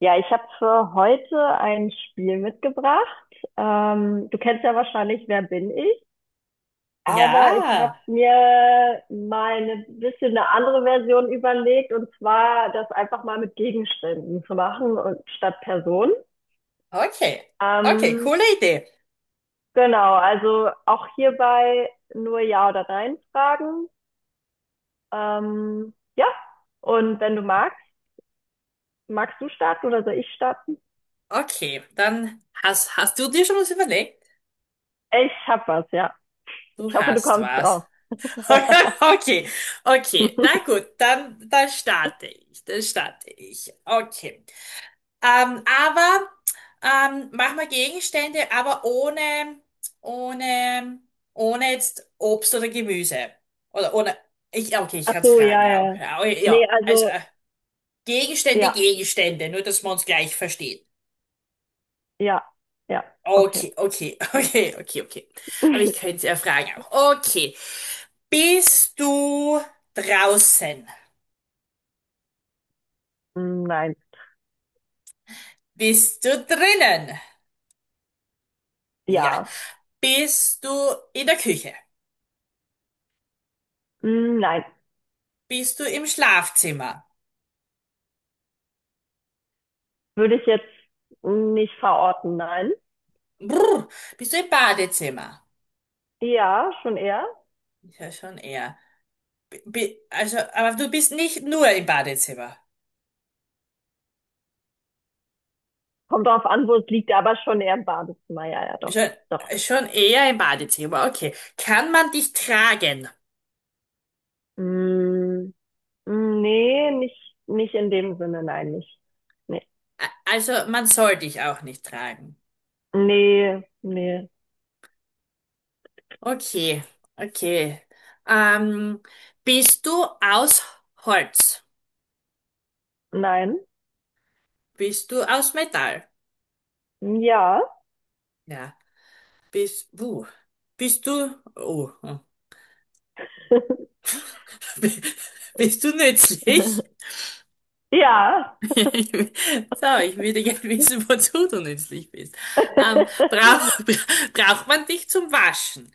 Ja, ich habe für heute ein Spiel mitgebracht. Du kennst ja wahrscheinlich Wer bin ich? Aber ich habe Ja, mir mal eine bisschen eine andere Version überlegt und zwar das einfach mal mit Gegenständen zu machen und statt Personen. okay. Okay, Ähm, coole Idee. genau, also auch hierbei nur Ja oder Nein fragen. Ja, und wenn du magst, magst du starten oder soll ich starten? Okay, dann hast du dir schon was überlegt? Ich hab was, ja. Du Ich hoffe, du hast kommst was. drauf. Okay, okay. Na gut, dann starte ich. Dann starte ich. Okay. Aber mach mal Gegenstände, aber ohne, ohne jetzt Obst oder Gemüse. Oder ohne. Ich, okay, ich Ach kann es so, ja, fragen ja. auch. ja. Ja, Nee, ja. Also also, Gegenstände, ja, Gegenstände, nur dass man uns gleich versteht. ja, ja, okay. Okay, okay, okay, okay, okay. Aber ich könnte es ja fragen auch. Okay. Bist du draußen? Mm, nein, Bist du drinnen? Ja. ja, Bist du in der Küche? Mm, nein. Bist du im Schlafzimmer? Würde ich jetzt nicht verorten, nein. Brr. Bist du im Badezimmer? Ja, schon eher. Ist ja, schon eher. Also, aber du bist nicht nur im Badezimmer. Kommt drauf an, wo es liegt, aber schon eher im Badezimmer, ja, ja, doch, Schon, doch. schon eher im Badezimmer. Okay. Kann man dich tragen? Mm, Nee, nicht in dem Sinne, nein, nicht. Nee, Also, man soll dich auch nicht tragen. nee, nee, Okay, okay. Ähm, bist du aus Holz? nein. Bist du aus Metall? Ja, Ja. Bist, uh, bist du, oh, oh. Bist du nützlich? ja, So, ich würde gerne wissen, wozu du nützlich bist. Ähm, brauch, braucht man dich zum Waschen?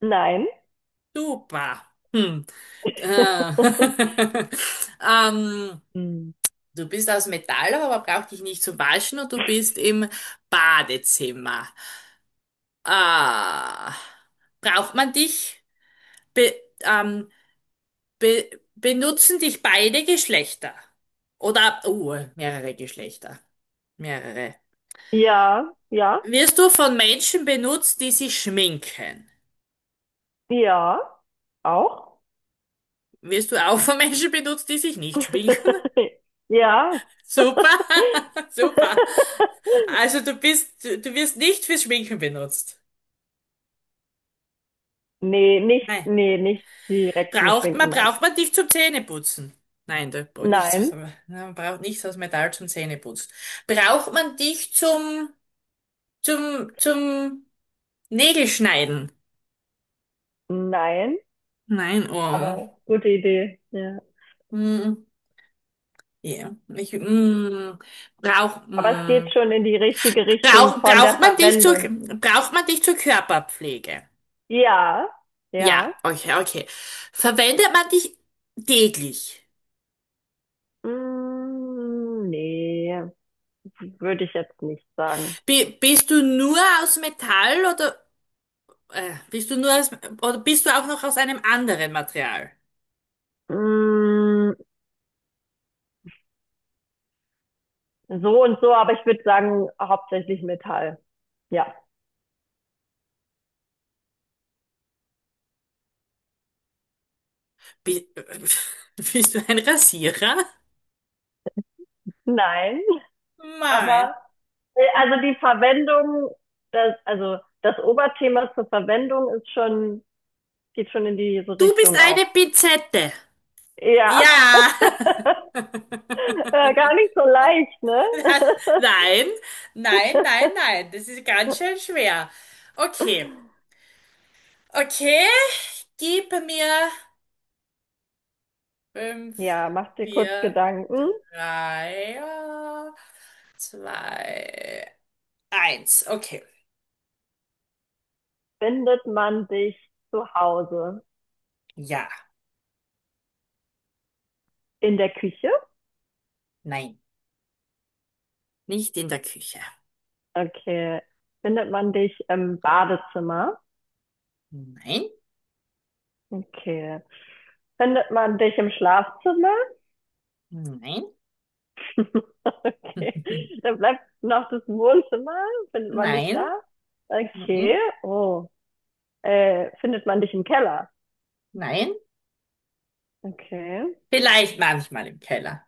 nein. Super. Hm. Äh, ähm, Mm. du bist aus Metall, aber brauch dich nicht zu waschen und du bist im Badezimmer. Ah, braucht man dich? Be ähm, be benutzen dich beide Geschlechter? Oder, mehrere Geschlechter. Mehrere. Ja, ja, Wirst du von Menschen benutzt, die sich schminken? ja, auch. Wirst du auch von Menschen benutzt, die sich nicht schminken? Ja. Super, super. Also du bist, du wirst nicht fürs Schminken benutzt. Nee, Nein. Nicht direkt zum Schminken, nein. Braucht man dich zum Zähneputzen? Nein, nichts, Nein, man braucht nichts aus Metall zum Zähneputzen. Braucht man dich zum Nägelschneiden? nein, Nein, oh. aber gute Idee, ja. Hm, ja, ich, hm, brauch, Aber es geht hm. schon in die richtige Richtung von der Verwendung. Braucht man dich zur Körperpflege? Ja, Ja, ja. okay, okay. Verwendet man dich täglich? Mm, nee, würde ich jetzt nicht sagen. Bist du nur aus Metall oder bist du nur aus, oder bist du auch noch aus einem anderen Material? Mm, so und so, aber ich würde sagen, hauptsächlich Metall. Ja. Bi bist du ein Rasierer? Nein, Mei. aber also die Verwendung, das, also das Oberthema zur Verwendung ist schon, geht schon in diese Du bist Richtung auch. eine Pinzette. Ja, Ja. Gar nicht so leicht, ne? Das, nein, nein, nein, nein. Das ist ganz schön schwer. Okay, okay. Gib mir fünf, Ja, mach dir kurz vier, Gedanken. drei, zwei, eins. Okay. Findet man dich zu Hause Ja, in der Küche? nein, nicht in der Küche. Okay. Findet man dich im Badezimmer? Nein, Okay. Findet man dich im Schlafzimmer? nein, Okay. Dann bleibt noch das Wohnzimmer. Findet man dich nein, da? Okay. mhm, Oh. Findet man dich im Keller. nein. Okay. Vielleicht manchmal im Keller.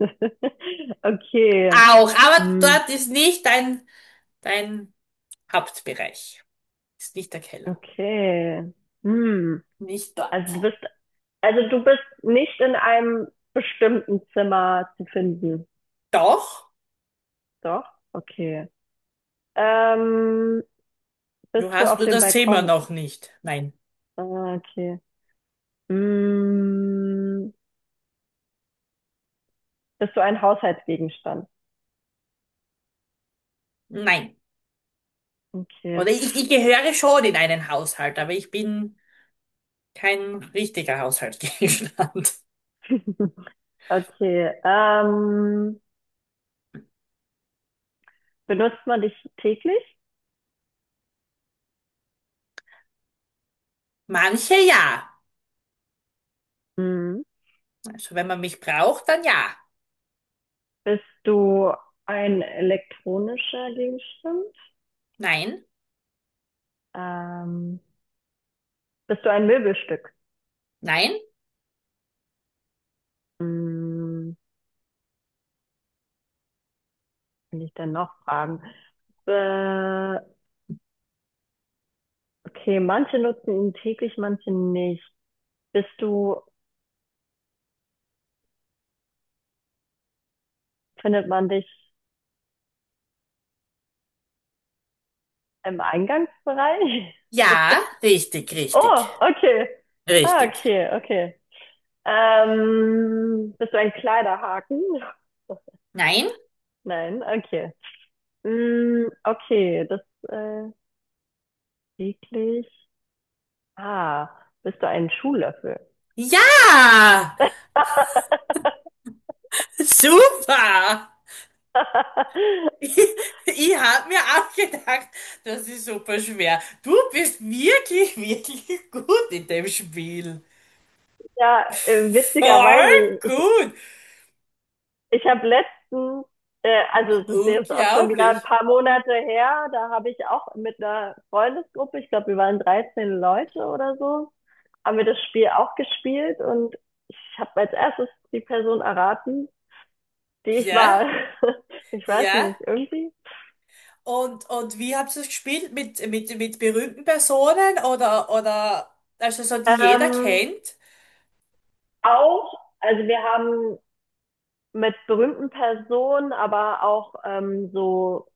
Okay. Auch, aber Hm. dort ist nicht dein Hauptbereich. Ist nicht der Keller. Okay. Hm. Nicht Also dort. du bist, also du bist nicht in einem bestimmten Zimmer zu finden. Doch, Doch? Okay. Ähm, Bist du du hast auf nur dem das Zimmer Balkon? noch nicht. Nein, Ah, okay. Hm. Bist du ein Haushaltsgegenstand? nein. Okay. Oder ich gehöre schon in einen Haushalt, aber ich bin kein richtiger Haushaltsgegenstand. Okay. Benutzt man dich täglich? Manche ja. Hm. Also wenn man mich braucht, dann ja. Bist du ein elektronischer Gegenstand? Nein, Ähm, Bist du ein Möbelstück? nein, Hm, kann ich dann noch fragen? Äh, okay, manche nutzen ihn täglich, manche nicht. Bist du, Findet man dich im Eingangsbereich? ja, richtig, richtig, Oh, okay. Ah, richtig. okay, okay. Bist du ein Kleiderhaken? Nein? Nein, okay. Hm, okay, das äh, täglich. Ah, bist du ein Schuhlöffel? Ja, super. Ich, ich habe mir auch gedacht, das ist super schwer. Du bist wirklich, wirklich gut in dem Spiel. Ja, Voll witzigerweise, ich, gut. ich habe letztens, also das ist jetzt auch schon wieder ein Unglaublich. paar Monate her, da habe ich auch mit einer Freundesgruppe, ich glaube, wir waren 13 Leute oder so, haben wir das Spiel auch gespielt und ich habe als erstes die Person erraten, die ich Ja, war. Ich weiß ja. nicht, irgendwie. Und wie habt ihr es gespielt? Mit berühmten Personen also so, die jeder Ähm, kennt? Auch, also wir haben mit berühmten Personen, aber auch so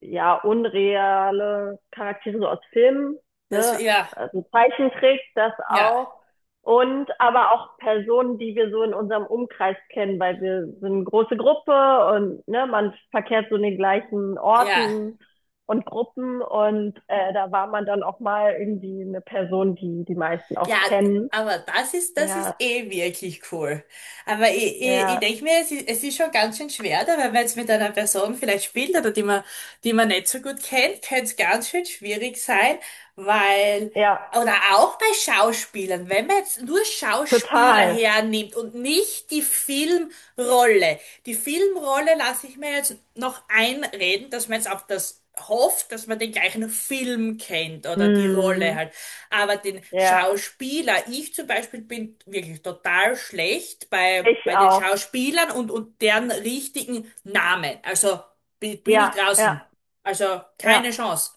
ja unreale Charaktere so aus Filmen, Das, ne? ja, Also Zeichentrick, das ja, auch. Und aber auch Personen, die wir so in unserem Umkreis kennen, weil wir sind eine große Gruppe und ne, man verkehrt so in den gleichen ja. Orten und Gruppen und da war man dann auch mal irgendwie eine Person, die die meisten Ja, auch kennen. aber das ist Ja, eh wirklich cool. Aber ich ja, denke mir, es ist schon ganz schön schwer, da, weil wenn man jetzt mit einer Person vielleicht spielt oder die man nicht so gut kennt, könnte es ganz schön schwierig sein, weil, ja, oder auch bei Schauspielern, wenn man jetzt nur Schauspieler total. hernimmt und nicht die Filmrolle. Die Filmrolle lasse ich mir jetzt noch einreden, dass man jetzt auf das hofft, dass man den gleichen Film kennt oder die Rolle Hm, halt. Aber den ja. Schauspieler, ich zum Beispiel bin wirklich total schlecht Ich bei den auch. Schauspielern und deren richtigen Namen. Also bin ich Ja, draußen. ja, Also keine ja, Chance.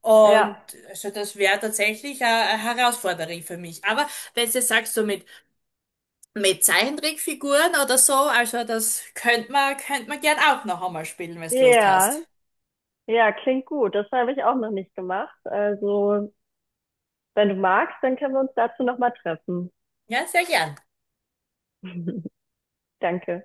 Und ja. also das wäre tatsächlich eine Herausforderung für mich. Aber wenn du jetzt sagst, so mit Zeichentrickfiguren oder so, also das könnte man gern auch noch einmal spielen, wenn du Lust Ja, hast. ja, klingt gut. Das habe ich auch noch nicht gemacht. Also, wenn du magst, dann können wir uns dazu nochmal treffen. Ja, sehr gern. Danke.